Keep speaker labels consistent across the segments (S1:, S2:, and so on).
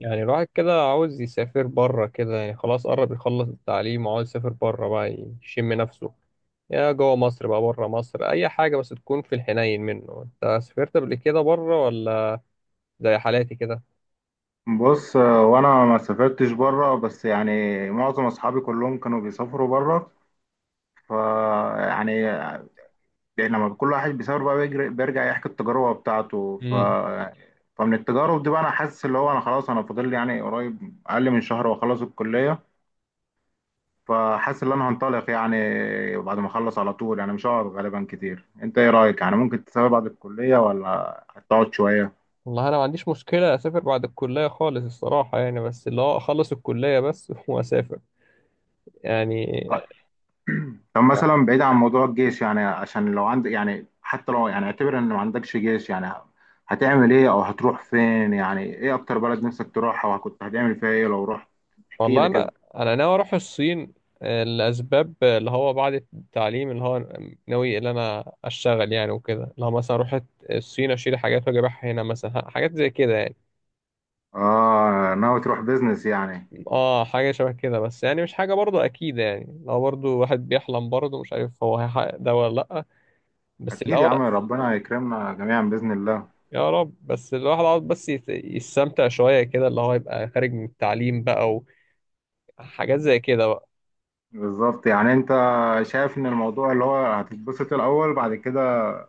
S1: يعني الواحد كده عاوز يسافر بره كده يعني خلاص قرب يخلص التعليم وعاوز يسافر بره بقى، يشم نفسه يا جوه مصر بقى بره مصر أي حاجة بس تكون في الحنين منه. أنت سافرت قبل كده بره ولا زي حالاتي كده؟
S2: بص، وانا ما سافرتش بره، بس يعني معظم اصحابي كلهم كانوا بيسافروا بره. ف يعني يعني لما كل واحد بيسافر بقى بيجري بيرجع يحكي التجربه بتاعته.
S1: امم.
S2: فمن التجارب دي بقى انا حاسس اللي هو انا خلاص انا فاضل لي يعني قريب اقل من شهر واخلص الكليه. فحاسس ان انا هنطلق يعني بعد ما اخلص على طول، يعني مش هقعد غالبا كتير. انت ايه رايك؟ يعني ممكن تسافر بعد الكليه ولا هتقعد شويه؟
S1: والله أنا ما عنديش مشكلة أسافر بعد الكلية خالص الصراحة يعني، بس اللي هو أخلص الكلية بس وأسافر يعني.
S2: طب مثلا بعيد عن موضوع الجيش، يعني عشان لو عندك يعني حتى لو، يعني اعتبر ان ما عندكش جيش، يعني هتعمل ايه او هتروح فين؟ يعني ايه اكتر بلد نفسك تروحها وكنت هتعمل فيها ايه لو رحت؟ احكي
S1: والله
S2: لي
S1: انا
S2: كده.
S1: انا ناوي اروح الصين، لاسباب، اللي هو بعد التعليم، اللي هو ناوي اللي انا اشتغل يعني وكده، اللي هو مثلا اروح الصين اشيل حاجات واجي ابيعها هنا مثلا، حاجات زي كده يعني.
S2: اه ناوي تروح بيزنس يعني؟
S1: اه، حاجه شبه كده، بس يعني مش حاجه برضه اكيد يعني، لو برضه واحد بيحلم برضه مش عارف هو هيحقق ده ولا لا، بس
S2: اكيد يا
S1: الاول.
S2: عم، ربنا يكرمنا جميعا باذن الله.
S1: يا رب، بس الواحد عاوز بس يستمتع شويه كده، اللي هو يبقى خارج من التعليم بقى وحاجات زي كده بقى.
S2: بالظبط، يعني انت شايف ان الموضوع اللي هو هتتبسط الاول بعد كده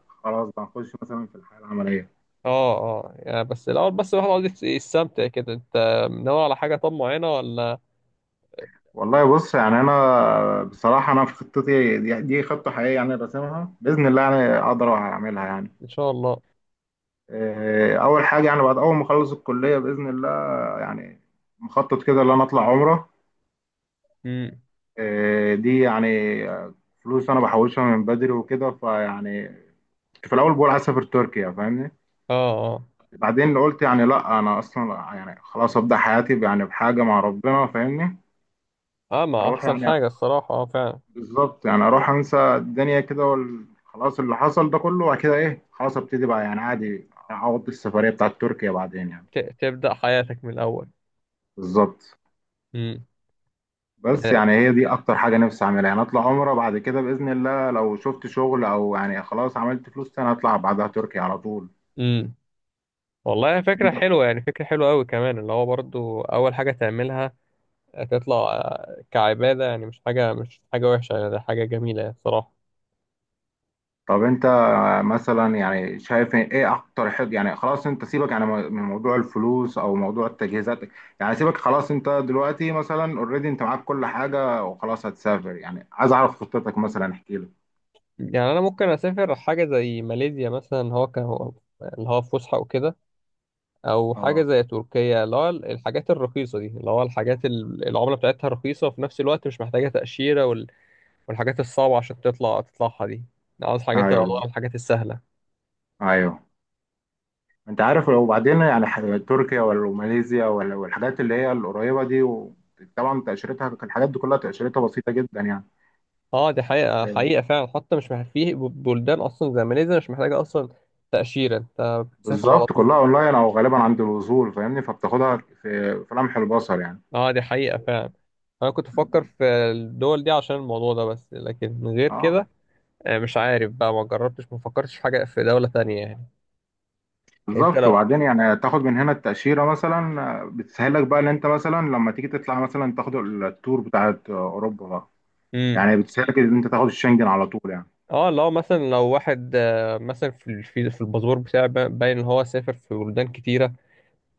S2: خلاص بقى نخش مثلا في الحياه العمليه.
S1: اه، اه، يعني بس الاول، بس الواحد عاوز يستمتع كده. انت ناوي على حاجه طب معينه ولا؟
S2: والله بص يعني انا بصراحه انا في خطتي دي خطه حقيقيه يعني راسمها باذن الله يعني اقدر اعملها يعني.
S1: ان شاء الله.
S2: اول حاجه يعني بعد اول ما اخلص الكليه باذن الله، يعني مخطط كده ان انا اطلع عمره.
S1: امم.
S2: آه، دي يعني آه، فلوس انا بحوشها من بدري وكده فيعني كنت في الاول بقول عايز اسافر تركيا، فاهمني؟
S1: اه، اه،
S2: بعدين قلت يعني لا، انا اصلا يعني خلاص ابدا حياتي يعني بحاجه مع ربنا، فاهمني؟
S1: اه، ما
S2: اروح
S1: احسن
S2: يعني
S1: حاجه الصراحه، اه فعلا.
S2: بالظبط، يعني اروح انسى الدنيا كده خلاص اللي حصل ده كله وبعد كده ايه خلاص ابتدي بقى، يعني عادي اقضي السفريه بتاعت تركيا بعدين يعني.
S1: تبدا حياتك من الاول.
S2: بالظبط.
S1: امم.
S2: بس
S1: يعني.
S2: يعني هي دي اكتر حاجه نفسي اعملها يعني اطلع عمره بعد كده باذن الله، لو شفت شغل او يعني خلاص عملت فلوس تاني اطلع بعدها تركيا على طول.
S1: امم. والله فكره
S2: انت
S1: حلوه يعني، فكره حلوه قوي كمان، اللي هو برضو اول حاجه تعملها تطلع، كعباده يعني، مش حاجه وحشه يعني، ده حاجه جميله يعني الصراحه.
S2: طب انت مثلا يعني شايف ايه اكتر حاجه؟ يعني خلاص انت سيبك يعني من موضوع الفلوس او موضوع التجهيزات، يعني سيبك خلاص انت دلوقتي مثلا اوريدي انت معاك كل حاجه وخلاص هتسافر، يعني عايز اعرف خطتك مثلا، احكي لي.
S1: يعني انا ممكن اسافر حاجه زي ماليزيا مثلا، هو كان هو اللي هو فسحه وكده، او حاجه
S2: اه
S1: زي تركيا، اللي هو الحاجات الرخيصه دي، اللي هو الحاجات العمله بتاعتها رخيصه وفي نفس الوقت مش محتاجه تاشيره والحاجات الصعبه عشان تطلعها دي. أنا عاوز حاجات
S2: ايوه
S1: الأضواء،
S2: بالظبط.
S1: الحاجات السهله.
S2: ايوه انت عارف لو بعدين يعني تركيا ولا ماليزيا ولا، والحاجات اللي هي القريبه دي طبعا تاشيرتها الحاجات دي كلها تاشيرتها بسيطه جدا يعني.
S1: اه دي حقيقه
S2: آه،
S1: حقيقه فعلا، حتى مش محتاج، في بلدان اصلا زي ماليزيا مش محتاجه اصلا تاشيره، انت بتسافر على
S2: بالظبط
S1: طول.
S2: كلها اونلاين او غالبا عند الوصول، فاهمني؟ فبتاخدها في لمح البصر
S1: اه دي حقيقه فعلا، انا كنت بفكر
S2: يعني.
S1: في الدول دي عشان الموضوع ده، بس لكن من غير
S2: اه
S1: كده مش عارف بقى، ما جربتش ما فكرتش في حاجه في دوله تانية يعني. انت
S2: بالظبط.
S1: لو
S2: وبعدين يعني تاخد من هنا التأشيرة مثلا، بتسهلك بقى ان انت مثلا لما تيجي تطلع مثلا تاخد التور بتاعت اوروبا بقى،
S1: مم.
S2: يعني بتسهلك ان انت تاخد الشنجن على طول يعني.
S1: اه، لو واحد مثلا في في الباسبور بتاعه، باين ان هو سافر في بلدان كتيره،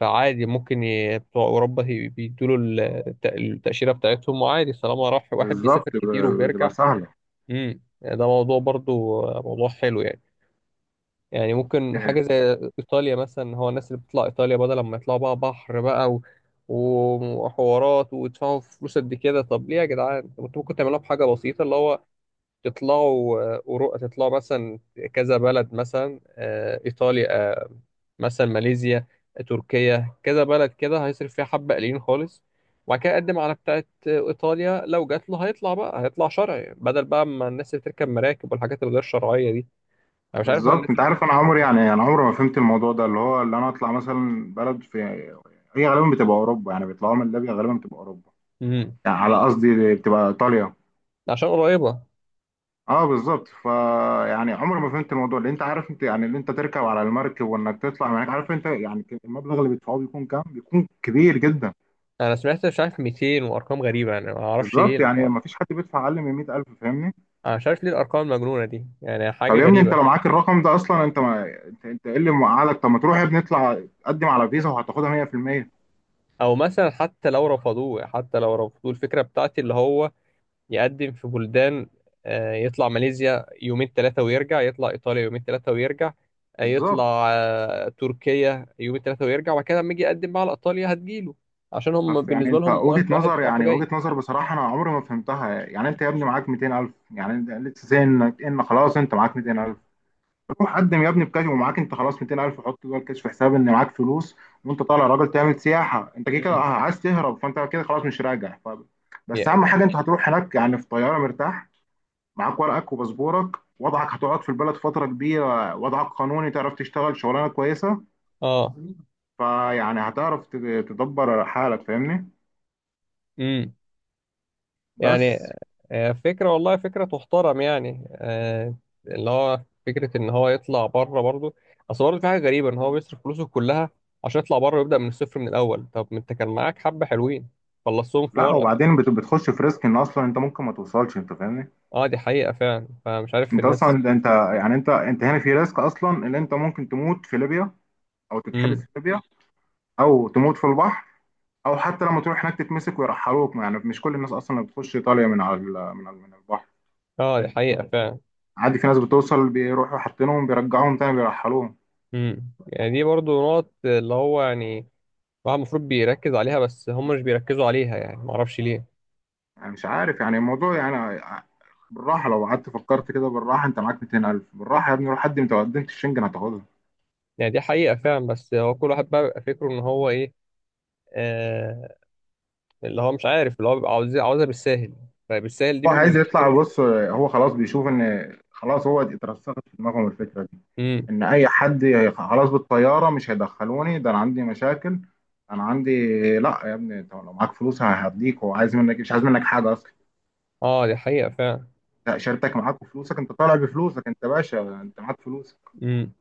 S1: فعادي ممكن بتوع اوروبا بيدوله التاشيره بتاعتهم، وعادي طالما راح واحد
S2: بالظبط
S1: بيسافر كتير
S2: بتبقى
S1: وبيرجع.
S2: سهلة.
S1: ده موضوع برضو موضوع حلو يعني. يعني ممكن
S2: آه،
S1: حاجه زي ايطاليا مثلا، هو الناس اللي بتطلع ايطاليا بدل لما يطلعوا بقى بحر بقى وحوارات ويدفعوا فلوس قد كده، طب ليه يا جدعان انتوا ممكن تعملوها بحاجه بسيطه، اللي هو تطلعوا، تطلعوا مثلا كذا بلد، مثلا إيطاليا، مثلا ماليزيا، تركيا، كذا بلد كده هيصرف فيها حبة قليلين خالص، وبعد كده يقدم على بتاعة إيطاليا، لو جات له هيطلع بقى، هيطلع شرعي بدل بقى ما الناس اللي بتركب مراكب والحاجات الغير شرعية دي. أنا مش عارف هو الناس
S2: بالظبط. انت
S1: اللي
S2: عارف انا
S1: بتفكر
S2: عمري
S1: إزاي.
S2: يعني انا عمري ما فهمت الموضوع ده اللي هو اللي انا اطلع مثلا بلد في هي غالبا بتبقى اوروبا يعني بيطلعوا من ليبيا غالبا بتبقى اوروبا،
S1: امم
S2: يعني على قصدي بتبقى ايطاليا.
S1: عشان قريبة.
S2: اه بالظبط فا يعني عمري ما فهمت الموضوع. اللي انت عارف انت يعني اللي انت تركب على المركب وانك تطلع معاك، عارف انت يعني المبلغ اللي بيدفعوه بيكون كام؟ بيكون كبير جدا.
S1: أنا سمعت مش عارف 200 وأرقام غريبة يعني، ما أعرفش
S2: بالظبط،
S1: ليه.
S2: يعني ما فيش حد بيدفع اقل من 100,000، فاهمني؟
S1: أنا مش عارف ليه الأرقام المجنونة دي، يعني
S2: طب
S1: حاجة
S2: يا ابني انت لو
S1: غريبة.
S2: معاك الرقم ده اصلا انت ما انت ايه اللي موقعك؟ طب ما تروح يا ابني اطلع قدم على فيزا وهتاخدها 100%.
S1: او مثلا، حتى لو رفضوه، الفكره بتاعتي اللي هو يقدم في بلدان، يطلع ماليزيا يومين ثلاثه ويرجع، يطلع ايطاليا يومين ثلاثه ويرجع،
S2: بالظبط.
S1: يطلع تركيا يومين ثلاثه ويرجع، وبعد كده لما يجي يقدم بقى على ايطاليا هتجيله، عشان هم
S2: بس يعني
S1: بالنسبه
S2: انت
S1: لهم واحد
S2: وجهة
S1: واحد
S2: نظر،
S1: رايح
S2: يعني
S1: وجاي.
S2: وجهة نظر بصراحة انا عمري ما فهمتها. يعني انت يا ابني معاك 200,000، يعني انت لسه زي انك ان خلاص انت معاك 200,000. روح قدم يا ابني بكاش ومعاك انت خلاص 200,000 وحط جوه الكاش في حساب ان معاك فلوس، وانت طالع راجل تعمل سياحه، انت كده كده
S1: امم
S2: عايز تهرب، فانت كده خلاص مش راجع ف... بس
S1: يعني
S2: اهم حاجه انت هتروح هناك يعني في طياره مرتاح، معاك ورقك وباسبورك، وضعك هتقعد في البلد فتره كبيره، وضعك قانوني، تعرف تشتغل شغلانه كويسه.
S1: اه
S2: فيعني هتعرف تدبر حالك، فاهمني؟
S1: امم
S2: بس.
S1: يعني فكرة، والله فكرة تحترم يعني، اللي هو فكرة إن هو يطلع بره برضه. أصل برضه في حاجة غريبة إن هو بيصرف فلوسه كلها عشان يطلع بره ويبدأ من الصفر من الأول، طب ما أنت كان معاك حبة حلوين خلصتهم في
S2: لا
S1: مرة
S2: وبعدين بتخش في ريسك ان اصلا انت ممكن ما توصلش، انت فاهمني؟
S1: أه دي حقيقة فعلا، فمش عارف
S2: انت اصلا
S1: الناس.
S2: انت يعني انت هنا في ريسك اصلا ان انت ممكن تموت في ليبيا، او تتحبس
S1: امم.
S2: في ليبيا، او تموت في البحر، او حتى لما تروح هناك تتمسك ويرحلوك. يعني مش كل الناس اصلا اللي بتخش ايطاليا من على من البحر.
S1: أه دي حقيقة فعلا.
S2: عادي في ناس بتوصل بيروحوا حاطينهم بيرجعوهم تاني بيرحلوهم.
S1: امم. يعني دي برضه نقط اللي هو، يعني الواحد المفروض بيركز عليها، بس هم مش بيركزوا عليها، يعني معرفش ليه.
S2: يعني مش عارف يعني الموضوع يعني. بالراحه لو قعدت فكرت كده بالراحه انت معاك 200,000، بالراحه يا ابني روح قدم، انت لو قدمت الشنجن هتاخدها.
S1: يعني دي حقيقة فعلا، بس هو كل واحد بقى بيبقى فكره إن هو إيه، آه، اللي هو مش عارف، اللي هو بيبقى عاوزها بالساهل، فبالساهل دي
S2: هو عايز يطلع، بص هو خلاص بيشوف ان خلاص هو اترسخت في دماغهم الفكره دي
S1: امم.
S2: ان اي حد خلاص بالطياره مش هيدخلوني، ده انا عندي مشاكل، انا عندي. لا يا ابني انت لو معاك فلوس هديك، هو عايز منك، مش عايز منك حاجه اصلا.
S1: اه دي حقيقة فعلا.
S2: لا شريكتك معاك وفلوسك، انت طالع بفلوسك، انت باشا، انت معاك فلوسك.
S1: امم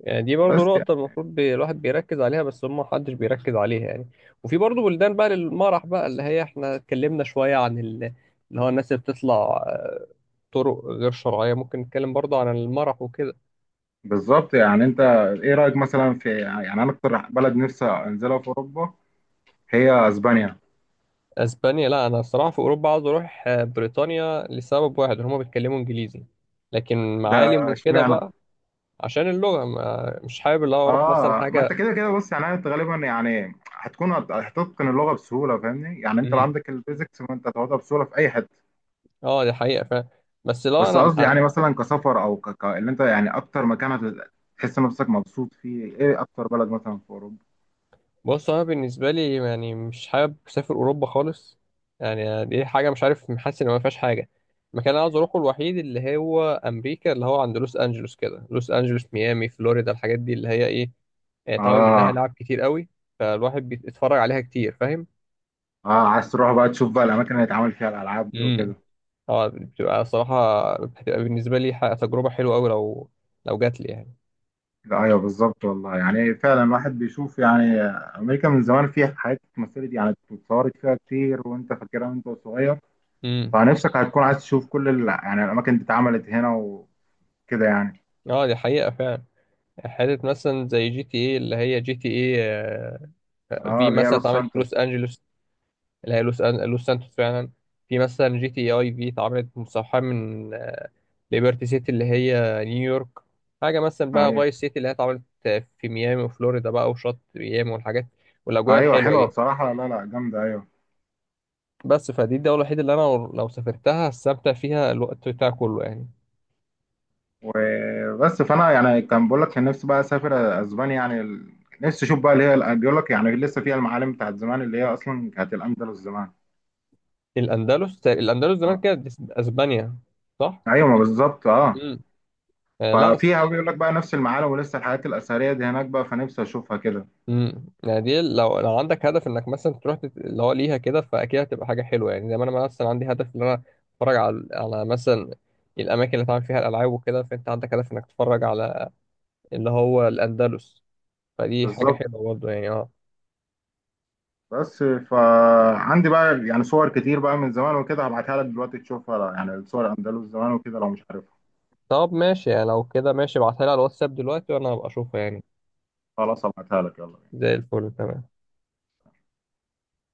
S1: يعني دي برضو
S2: بس يعني
S1: نقطة المفروض الواحد بيركز عليها، بس هم محدش بيركز عليها يعني. وفي برضو بلدان بقى للمرح بقى، اللي هي احنا اتكلمنا شوية عن اللي هو الناس اللي بتطلع آه، طرق غير شرعية، ممكن نتكلم برضو عن المرح وكده.
S2: بالظبط. يعني انت ايه رايك مثلا في يعني انا اكتر بلد نفسي انزلها في اوروبا هي اسبانيا؟
S1: اسبانيا، لا انا الصراحة في اوروبا عاوز اروح بريطانيا، لسبب واحد ان هم بيتكلموا انجليزي، لكن
S2: ده
S1: معالم وكده
S2: اشمعنى؟
S1: بقى، عشان اللغة، ما مش حابب اللي هو اروح مثلا
S2: اه ما انت
S1: حاجة.
S2: كده كده بص يعني انت غالبا يعني هتكون هتتقن اللغه بسهوله، فاهمني؟ يعني انت لو
S1: مم.
S2: عندك البيزكس فانت هتاخدها بسهوله في اي حته.
S1: اه دي حقيقة فعلا. بس لو
S2: بس
S1: انا
S2: قصدي يعني مثلا كسفر او اللي انت يعني اكتر مكان هتحس نفسك مبسوط فيه؟ ايه اكتر بلد مثلا في اوروبا؟
S1: بص انا بالنسبة لي يعني مش حابب اسافر اوروبا خالص، يعني دي حاجة مش عارف، حاسس ان ما فيهاش حاجة. المكان اللي عاوز اروحه الوحيد اللي هو امريكا، اللي هو عند لوس انجلوس كده، لوس انجلوس، ميامي، فلوريدا، الحاجات دي اللي هي ايه، يعني اتعمل منها
S2: اه
S1: لعب كتير قوي، فالواحد بيتفرج عليها كتير، فاهم.
S2: اه عايز تروح بقى تشوف بقى الاماكن اللي هيتعمل فيها الالعاب دي
S1: امم
S2: وكده.
S1: اه بتبقى صراحة، بتبقى بالنسبة لي تجربة حلوة قوي، لو جات لي يعني.
S2: لا ايوه بالظبط والله، يعني فعلا الواحد بيشوف يعني امريكا من زمان فيها حاجات اتمثلت يعني اتصورت فيها كتير، وانت فاكرها وانت صغير،
S1: امم
S2: فنفسك هتكون عايز تشوف كل ال... يعني الاماكن دي اتعملت هنا وكده يعني.
S1: اه دي حقيقة فعلا. حتة مثلا زي جي تي ايه، اللي هي جي تي ايه
S2: اه
S1: في
S2: اللي هي
S1: مثلا
S2: لوس
S1: اتعملت في
S2: سانتوس.
S1: لوس انجلوس. اللي هي لوس سانتوس فعلا. في مثلا جي تي اي اي في اتعملت مستوحاة من، ليبرتي سيتي اللي هي نيويورك. حاجة مثلا بقى
S2: ايوه
S1: فايس سيتي، اللي هي اتعملت في ميامي وفلوريدا بقى، وشط ميامي والحاجات والأجواء
S2: ايوه
S1: الحلوة
S2: حلوه
S1: دي.
S2: بصراحه، لا لا جامده، ايوه.
S1: بس فدي الدولة الوحيدة اللي أنا لو سافرتها هستمتع فيها الوقت بتاعي كله يعني.
S2: وبس فانا يعني كان بقول لك كان نفسي بقى اسافر اسبانيا، يعني ال... نفسي اشوف بقى اللي هي بيقول لك يعني لسه فيها المعالم بتاعت زمان اللي هي اصلا كانت الاندلس زمان.
S1: الأندلس زمان
S2: آه.
S1: كانت إسبانيا، صح؟
S2: ايوه ما بالظبط اه.
S1: امم. آه لا.
S2: ففيها بيقول لك بقى نفس المعالم ولسه الحاجات الاثريه دي هناك بقى، فنفسي اشوفها كده.
S1: امم. يعني دي، لو عندك هدف انك مثلا تروح اللي هو ليها كده، فاكيد هتبقى حاجه حلوه يعني، زي ما انا مثلا عندي هدف ان انا اتفرج على مثلا الاماكن اللي اتعمل فيها الالعاب وكده، فانت عندك هدف انك تتفرج على اللي هو الاندلس، فدي حاجه
S2: بالظبط.
S1: حلوه برضه يعني اه.
S2: بس فعندي بقى يعني صور كتير بقى من زمان وكده، هبعتها لك دلوقتي تشوفها، يعني صور اندلس زمان وكده لو مش عارفها.
S1: طب ماشي يعني، لو كده ماشي ابعتها لي على الواتساب دلوقتي وانا هبقى اشوفها يعني،
S2: خلاص هبعتها لك، يلا بينا.
S1: زي الفل تمام.